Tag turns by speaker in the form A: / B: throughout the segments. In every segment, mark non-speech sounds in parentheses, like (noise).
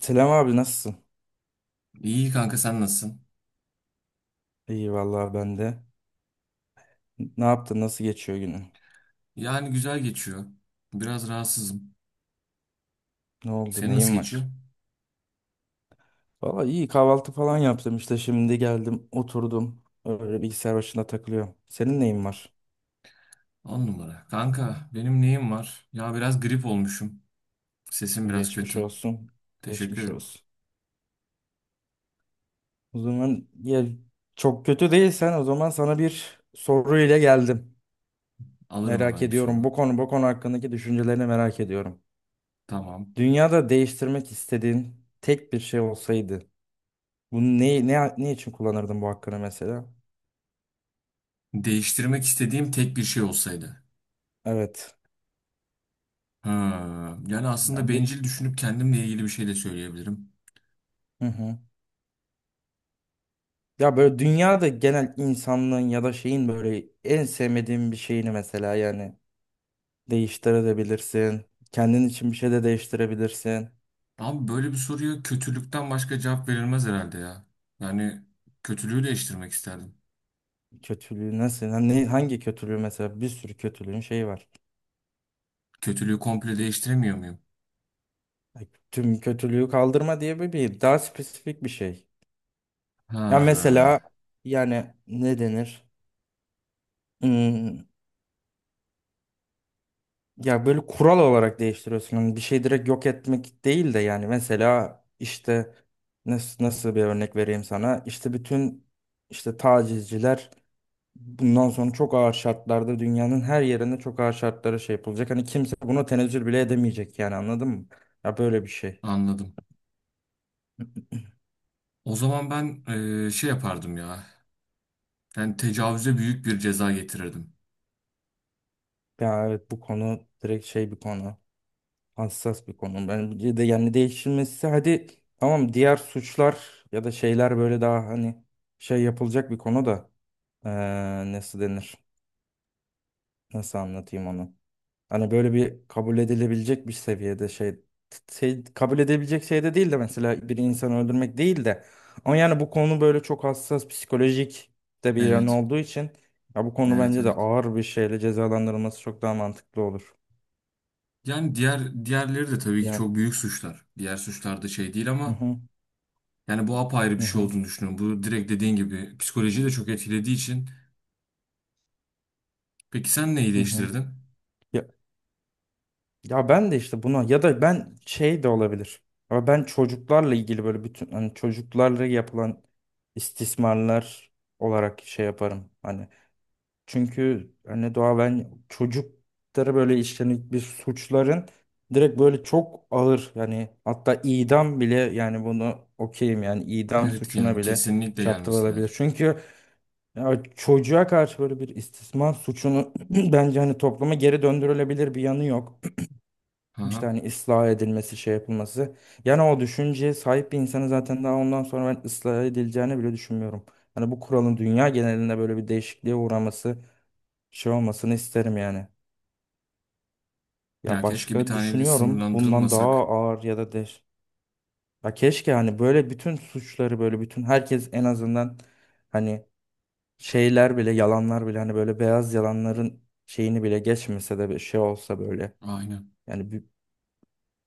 A: Selam abi, nasılsın?
B: İyi kanka sen nasılsın?
A: İyi vallahi, ben de. Ne yaptın? Nasıl geçiyor günün?
B: Yani güzel geçiyor. Biraz rahatsızım.
A: Ne oldu?
B: Senin nasıl
A: Neyin
B: geçiyor?
A: var? Valla iyi, kahvaltı falan yaptım, işte şimdi geldim oturdum. Öyle bilgisayar başında takılıyorum. Senin neyin var?
B: On numara. Kanka benim neyim var? Ya biraz grip olmuşum. Sesim biraz
A: Geçmiş
B: kötü.
A: olsun.
B: Teşekkür
A: Geçmiş
B: ederim.
A: olsun. O zaman ya, çok kötü değilsen o zaman sana bir soru ile geldim.
B: Alırım
A: Merak
B: hemen bir
A: ediyorum.
B: soru.
A: Bu konu hakkındaki düşüncelerini merak ediyorum.
B: Tamam.
A: Dünyada değiştirmek istediğin tek bir şey olsaydı bunu ne için kullanırdın bu hakkını mesela?
B: Değiştirmek istediğim tek bir şey olsaydı.
A: Evet.
B: Ha, Yani aslında
A: Ya bir,
B: bencil düşünüp kendimle ilgili bir şey de söyleyebilirim.
A: hı hı. Ya böyle dünyada genel insanlığın ya da şeyin böyle en sevmediğin bir şeyini mesela, yani değiştirebilirsin. Kendin için bir şey de değiştirebilirsin.
B: Abi böyle bir soruya kötülükten başka cevap verilmez herhalde ya. Yani kötülüğü değiştirmek isterdim.
A: Kötülüğü nasıl? Ha, ne, hangi kötülüğü mesela? Bir sürü kötülüğün şeyi var.
B: Kötülüğü komple değiştiremiyor muyum?
A: Ya, tüm kötülüğü kaldırma diye bir daha spesifik bir şey. Ya mesela
B: Ha,
A: yani, ne denir? Hmm, Ya böyle kural olarak değiştiriyorsun. Hani bir şey direkt yok etmek değil de, yani mesela işte nasıl bir örnek vereyim sana? İşte bütün, işte tacizciler bundan sonra çok ağır şartlarda, dünyanın her yerinde çok ağır şartlara şey yapılacak. Hani kimse buna tenezzül bile edemeyecek, yani anladın mı? Ya böyle bir şey.
B: Anladım. O zaman ben şey yapardım ya. Yani tecavüze büyük bir ceza getirirdim.
A: Ya evet, bu konu direkt şey bir konu. Hassas bir konu. Ben bir de yani değişilmesi, hadi tamam diğer suçlar ya da şeyler böyle daha hani şey yapılacak bir konu da. Nasıl denir? Nasıl anlatayım onu? Hani böyle bir kabul edilebilecek bir seviyede şey, şey kabul edebilecek şeyde değil de, mesela bir insanı öldürmek değil de, ama yani bu konu böyle çok hassas, psikolojik de bir yan
B: Evet.
A: olduğu için ya, bu konu
B: Evet,
A: bence de
B: evet.
A: ağır bir şeyle cezalandırılması çok daha mantıklı olur.
B: Yani diğerleri de tabii ki
A: Yani
B: çok büyük suçlar. Diğer suçlar da şey değil
A: hı
B: ama
A: hı,
B: yani bu apayrı bir
A: hı
B: şey
A: hı,
B: olduğunu düşünüyorum. Bu direkt dediğin gibi psikolojiyi de çok etkilediği için. Peki sen neyi
A: hı, hı.
B: değiştirdin?
A: Ya, ya ben de işte buna, ya da ben şey de olabilir. Ama ben çocuklarla ilgili böyle bütün hani çocuklarla yapılan istismarlar olarak şey yaparım. Hani, çünkü hani doğa, ben çocuklara böyle işlenip bir suçların direkt böyle çok ağır, yani hatta idam bile, yani bunu okeyim, yani idam
B: Evet ki
A: suçuna
B: yani
A: bile
B: kesinlikle gelmesi
A: çarptırılabilir.
B: lazım.
A: Çünkü ya çocuğa karşı böyle bir istismar suçunu (clears throat) bence hani topluma geri döndürülebilir bir yanı yok. İşte
B: Aha.
A: hani ıslah edilmesi, şey yapılması. Yani o düşünceye sahip bir insanı zaten daha ondan sonra ben ıslah edileceğini bile düşünmüyorum. Hani bu kuralın dünya genelinde böyle bir değişikliğe uğraması, şey olmasını isterim yani. Ya
B: Ya keşke bir
A: başka
B: taneyle
A: düşünüyorum bundan daha
B: sınırlandırılmasak.
A: ağır ya da de. Ya keşke hani böyle bütün suçları, böyle bütün herkes en azından hani şeyler bile, yalanlar bile, hani böyle beyaz yalanların şeyini bile geçmese de bir şey olsa böyle.
B: Aynen.
A: Yani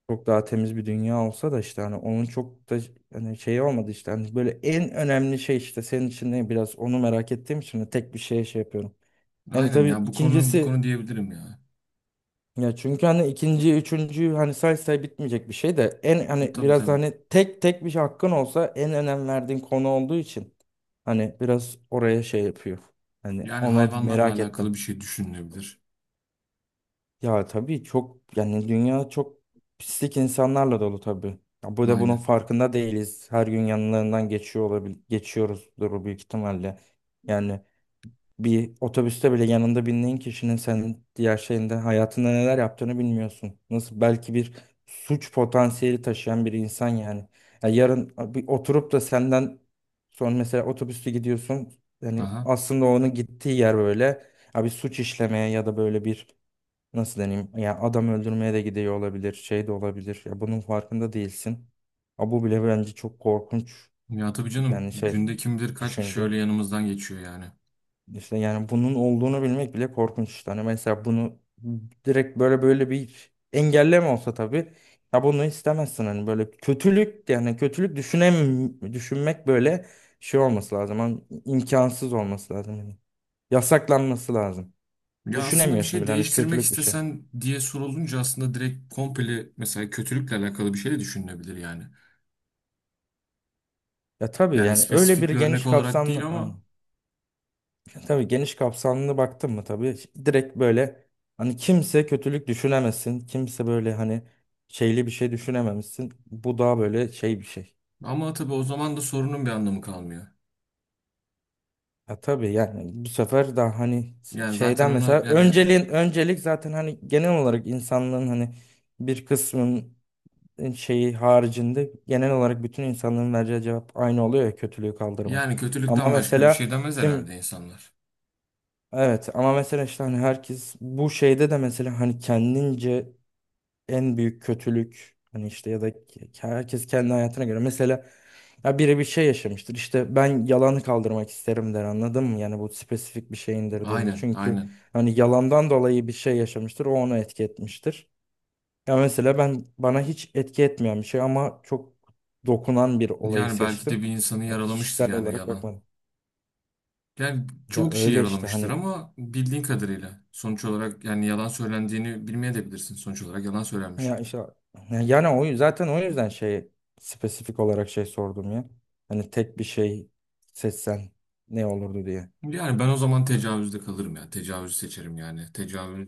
A: çok daha temiz bir dünya olsa da, işte hani onun çok da hani şeyi olmadı, işte hani böyle en önemli şey, işte senin için ne biraz onu merak ettiğim için de tek bir şeye şey yapıyorum. Yani
B: Aynen
A: tabii
B: ya, bu konu bu
A: ikincisi,
B: konu diyebilirim ya.
A: ya çünkü hani ikinci, üçüncü hani say say bitmeyecek bir şey de, en hani
B: Tabii,
A: biraz da
B: tabii.
A: hani tek tek bir şey hakkın olsa en önem verdiğin konu olduğu için hani biraz oraya şey yapıyor. Hani
B: Yani
A: ona
B: hayvanlarla
A: merak ettim.
B: alakalı bir şey düşünülebilir.
A: Ya tabii çok, yani dünya çok pislik insanlarla dolu tabii. Ya bu da bunun
B: Aynen.
A: farkında değiliz. Her gün yanlarından geçiyor olabil, geçiyoruzdur büyük ihtimalle. Yani bir otobüste bile yanında bindiğin kişinin senin diğer şeyinde, hayatında neler yaptığını bilmiyorsun. Nasıl, belki bir suç potansiyeli taşıyan bir insan yani. Ya yarın bir oturup da senden sonra, mesela otobüste gidiyorsun. Yani
B: Aha.
A: aslında onun gittiği yer böyle. Ya bir suç işlemeye, ya da böyle bir nasıl deneyim? Ya adam öldürmeye de gidiyor olabilir, şey de olabilir. Ya bunun farkında değilsin. Ha bu bile bence çok korkunç.
B: Ya tabii canım,
A: Yani şey,
B: günde kim bilir kaç kişi
A: düşünce.
B: öyle yanımızdan geçiyor yani.
A: İşte yani bunun olduğunu bilmek bile korkunç işte. Hani mesela bunu direkt böyle bir engelleme olsa tabii. Ya bunu istemezsin hani, böyle kötülük, yani kötülük düşünmek böyle şey olması lazım. Hani imkansız olması lazım. Yani yasaklanması lazım.
B: Ya aslında bir
A: Düşünemiyorsun
B: şey
A: bile hani
B: değiştirmek
A: kötülük bir şey.
B: istesen diye sorulunca aslında direkt komple mesela kötülükle alakalı bir şey de düşünülebilir yani.
A: Ya tabii
B: Yani
A: yani öyle bir
B: spesifik bir örnek
A: geniş
B: olarak değil
A: kapsamlı hani,
B: ama
A: tabii geniş kapsamlı baktın mı, tabii direkt böyle hani kimse kötülük düşünemesin. Kimse böyle hani şeyli bir şey düşünememişsin. Bu daha böyle şey bir şey.
B: tabii o zaman da sorunun bir anlamı kalmıyor.
A: Ya tabii yani bu sefer daha hani
B: Yani zaten
A: şeyden
B: ona
A: mesela
B: yani
A: önceliğin, öncelik zaten hani genel olarak insanlığın hani bir kısmın şeyi haricinde genel olarak bütün insanlığın vereceği cevap aynı oluyor ya, kötülüğü kaldırmak.
B: yani
A: Ama
B: kötülükten başka bir
A: mesela
B: şey demez
A: kim,
B: herhalde insanlar.
A: evet ama mesela işte hani herkes bu şeyde de mesela hani kendince en büyük kötülük hani işte, ya da herkes kendi hayatına göre mesela ya biri bir şey yaşamıştır işte, ben yalanı kaldırmak isterim der, anladın mı? Yani bu spesifik bir şey indirdiğinde
B: Aynen,
A: çünkü
B: aynen.
A: hani yalandan dolayı bir şey yaşamıştır, o onu etki etmiştir. Ya mesela ben bana hiç etki etmeyen bir şey ama çok dokunan bir olayı
B: Yani belki de
A: seçtim.
B: bir insanı
A: Ya
B: yaralamıştır
A: kişisel
B: yani
A: olarak
B: yalan.
A: bakmadım.
B: Yani
A: Ya
B: çoğu kişi
A: öyle işte
B: yaralamıştır
A: hani,
B: ama bildiğin kadarıyla sonuç olarak yani yalan söylendiğini bilmeyebilirsin. Sonuç olarak yalan söylenmiş.
A: ya işte yani o zaten o yüzden şey, spesifik olarak şey sordum ya. Hani tek bir şey seçsen ne olurdu diye.
B: Yani ben o zaman tecavüzde kalırım ya. Tecavüzü seçerim yani. Tecavüz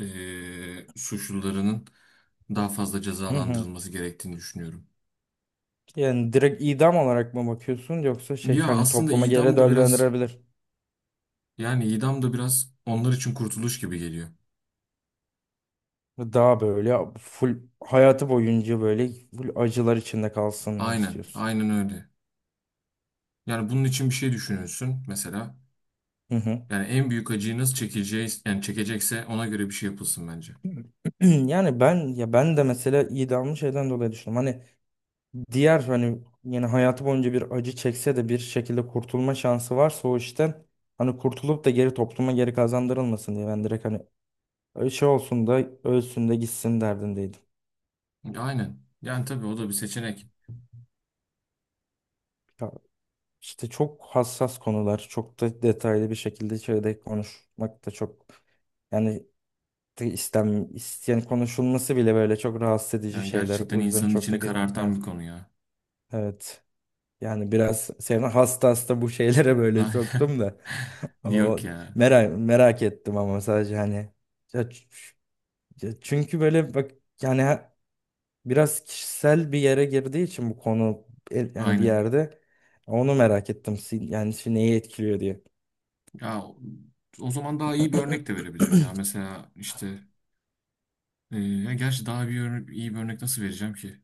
B: suçlularının daha fazla
A: Hı hı.
B: cezalandırılması gerektiğini düşünüyorum.
A: Yani direkt idam olarak mı bakıyorsun, yoksa şey
B: Ya
A: hani
B: aslında
A: topluma geri
B: idam da biraz
A: döndürebilir.
B: onlar için kurtuluş gibi geliyor.
A: Daha böyle full hayatı boyunca böyle full acılar içinde kalsın mı
B: Aynen,
A: istiyorsun?
B: aynen öyle. Yani bunun için bir şey düşünülsün mesela.
A: Hı hı.
B: Yani en büyük acıyı nasıl çekeceğiz, yani çekecekse ona göre bir şey yapılsın bence.
A: (clears throat) Yani ben, ya ben de mesela idamı şeyden dolayı düşündüm. Hani diğer hani yani hayatı boyunca bir acı çekse de bir şekilde kurtulma şansı varsa o işten hani kurtulup da geri topluma geri kazandırılmasın diye ben direkt hani şey olsun da ölsün de gitsin derdindeydim.
B: Aynen. Yani tabii o da bir seçenek.
A: Ya işte çok hassas konular, çok da detaylı bir şekilde şeyde konuşmak da çok, yani de istem isteyen konuşulması bile böyle çok rahatsız edici
B: Yani
A: şeyler.
B: gerçekten
A: O yüzden
B: insanın
A: çok da
B: içini
A: girmek.
B: karartan bir
A: Evet.
B: konu ya.
A: Evet. Yani biraz seni hasta hasta bu şeylere böyle
B: Aynen.
A: soktum da.
B: (laughs)
A: O
B: Yok ya.
A: merak ettim ama sadece hani, ya ç- ya çünkü böyle bak, yani biraz kişisel bir yere girdiği için bu konu yani bir
B: Aynen.
A: yerde onu merak ettim, yani şimdi neyi etkiliyor diye.
B: Ya o zaman daha iyi bir örnek de verebilirim ya. Mesela işte ya gerçi iyi bir örnek nasıl vereceğim ki?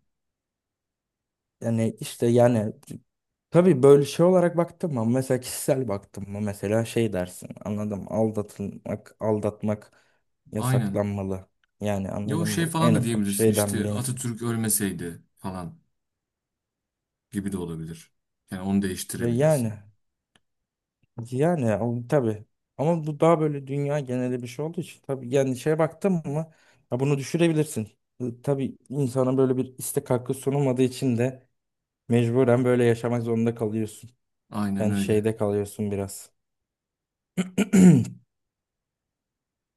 A: Yani işte yani tabii böyle şey olarak baktım mı, mesela kişisel baktım mı mesela şey dersin, anladım, aldatılmak, aldatmak
B: Aynen.
A: yasaklanmalı, yani
B: Ya o
A: anladın
B: şey
A: mı
B: falan
A: en
B: da
A: ufak
B: diyebilirsin,
A: şeyden bile
B: işte
A: insan
B: Atatürk ölmeseydi falan gibi de olabilir. Yani onu
A: ve yani,
B: değiştirebilirsin.
A: yani tabii. Ama bu daha böyle dünya geneli bir şey olduğu için tabii yani şeye baktın mı ya bunu düşürebilirsin. Tabii insana böyle bir istek hakkı sunulmadığı için de mecburen böyle yaşamak zorunda kalıyorsun.
B: Aynen
A: Yani
B: öyle.
A: şeyde kalıyorsun biraz. (clears throat)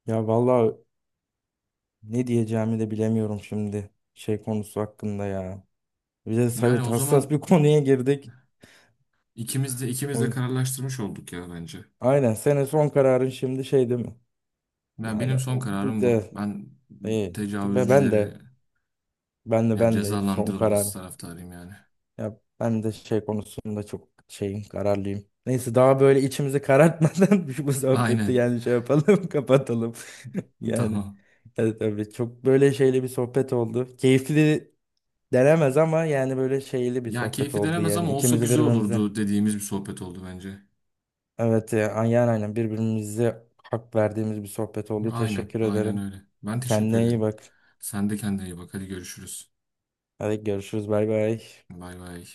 A: Ya vallahi ne diyeceğimi de bilemiyorum şimdi şey konusu hakkında ya. Bir de
B: Yani
A: evet,
B: o
A: hassas
B: zaman
A: bir (laughs) konuya girdik.
B: ikimiz de
A: O,
B: kararlaştırmış olduk ya bence.
A: aynen, senin son kararın şimdi şey değil mi?
B: Ya
A: Yani
B: benim son
A: o, bu
B: kararım
A: da
B: bu. Ben
A: e, ben
B: tecavüzcüleri
A: de, Ben de
B: yani
A: ben de son karar.
B: cezalandırılması taraftarıyım yani.
A: Ya ben de şey konusunda çok şeyim, kararlıyım. Neyse, daha böyle içimizi karartmadan (laughs) bu sohbeti
B: Aynen.
A: yani şey yapalım, (laughs) kapatalım. (laughs) Yani
B: Tamam.
A: evet, tabii çok böyle şeyli bir sohbet oldu. Keyifli denemez ama yani böyle şeyli bir
B: Ya
A: sohbet
B: keyfi
A: oldu,
B: denemez
A: yani
B: ama olsa
A: ikimizi
B: güzel
A: birbirimize.
B: olurdu dediğimiz bir sohbet oldu bence.
A: Evet, aynen, aynen birbirimize hak verdiğimiz bir sohbet oldu.
B: Aynen.
A: Teşekkür
B: Aynen
A: ederim.
B: öyle. Ben teşekkür
A: Kendine iyi
B: ederim.
A: bak.
B: Sen de kendine iyi bak. Hadi görüşürüz.
A: Hadi görüşürüz, bay bay.
B: Bay bay.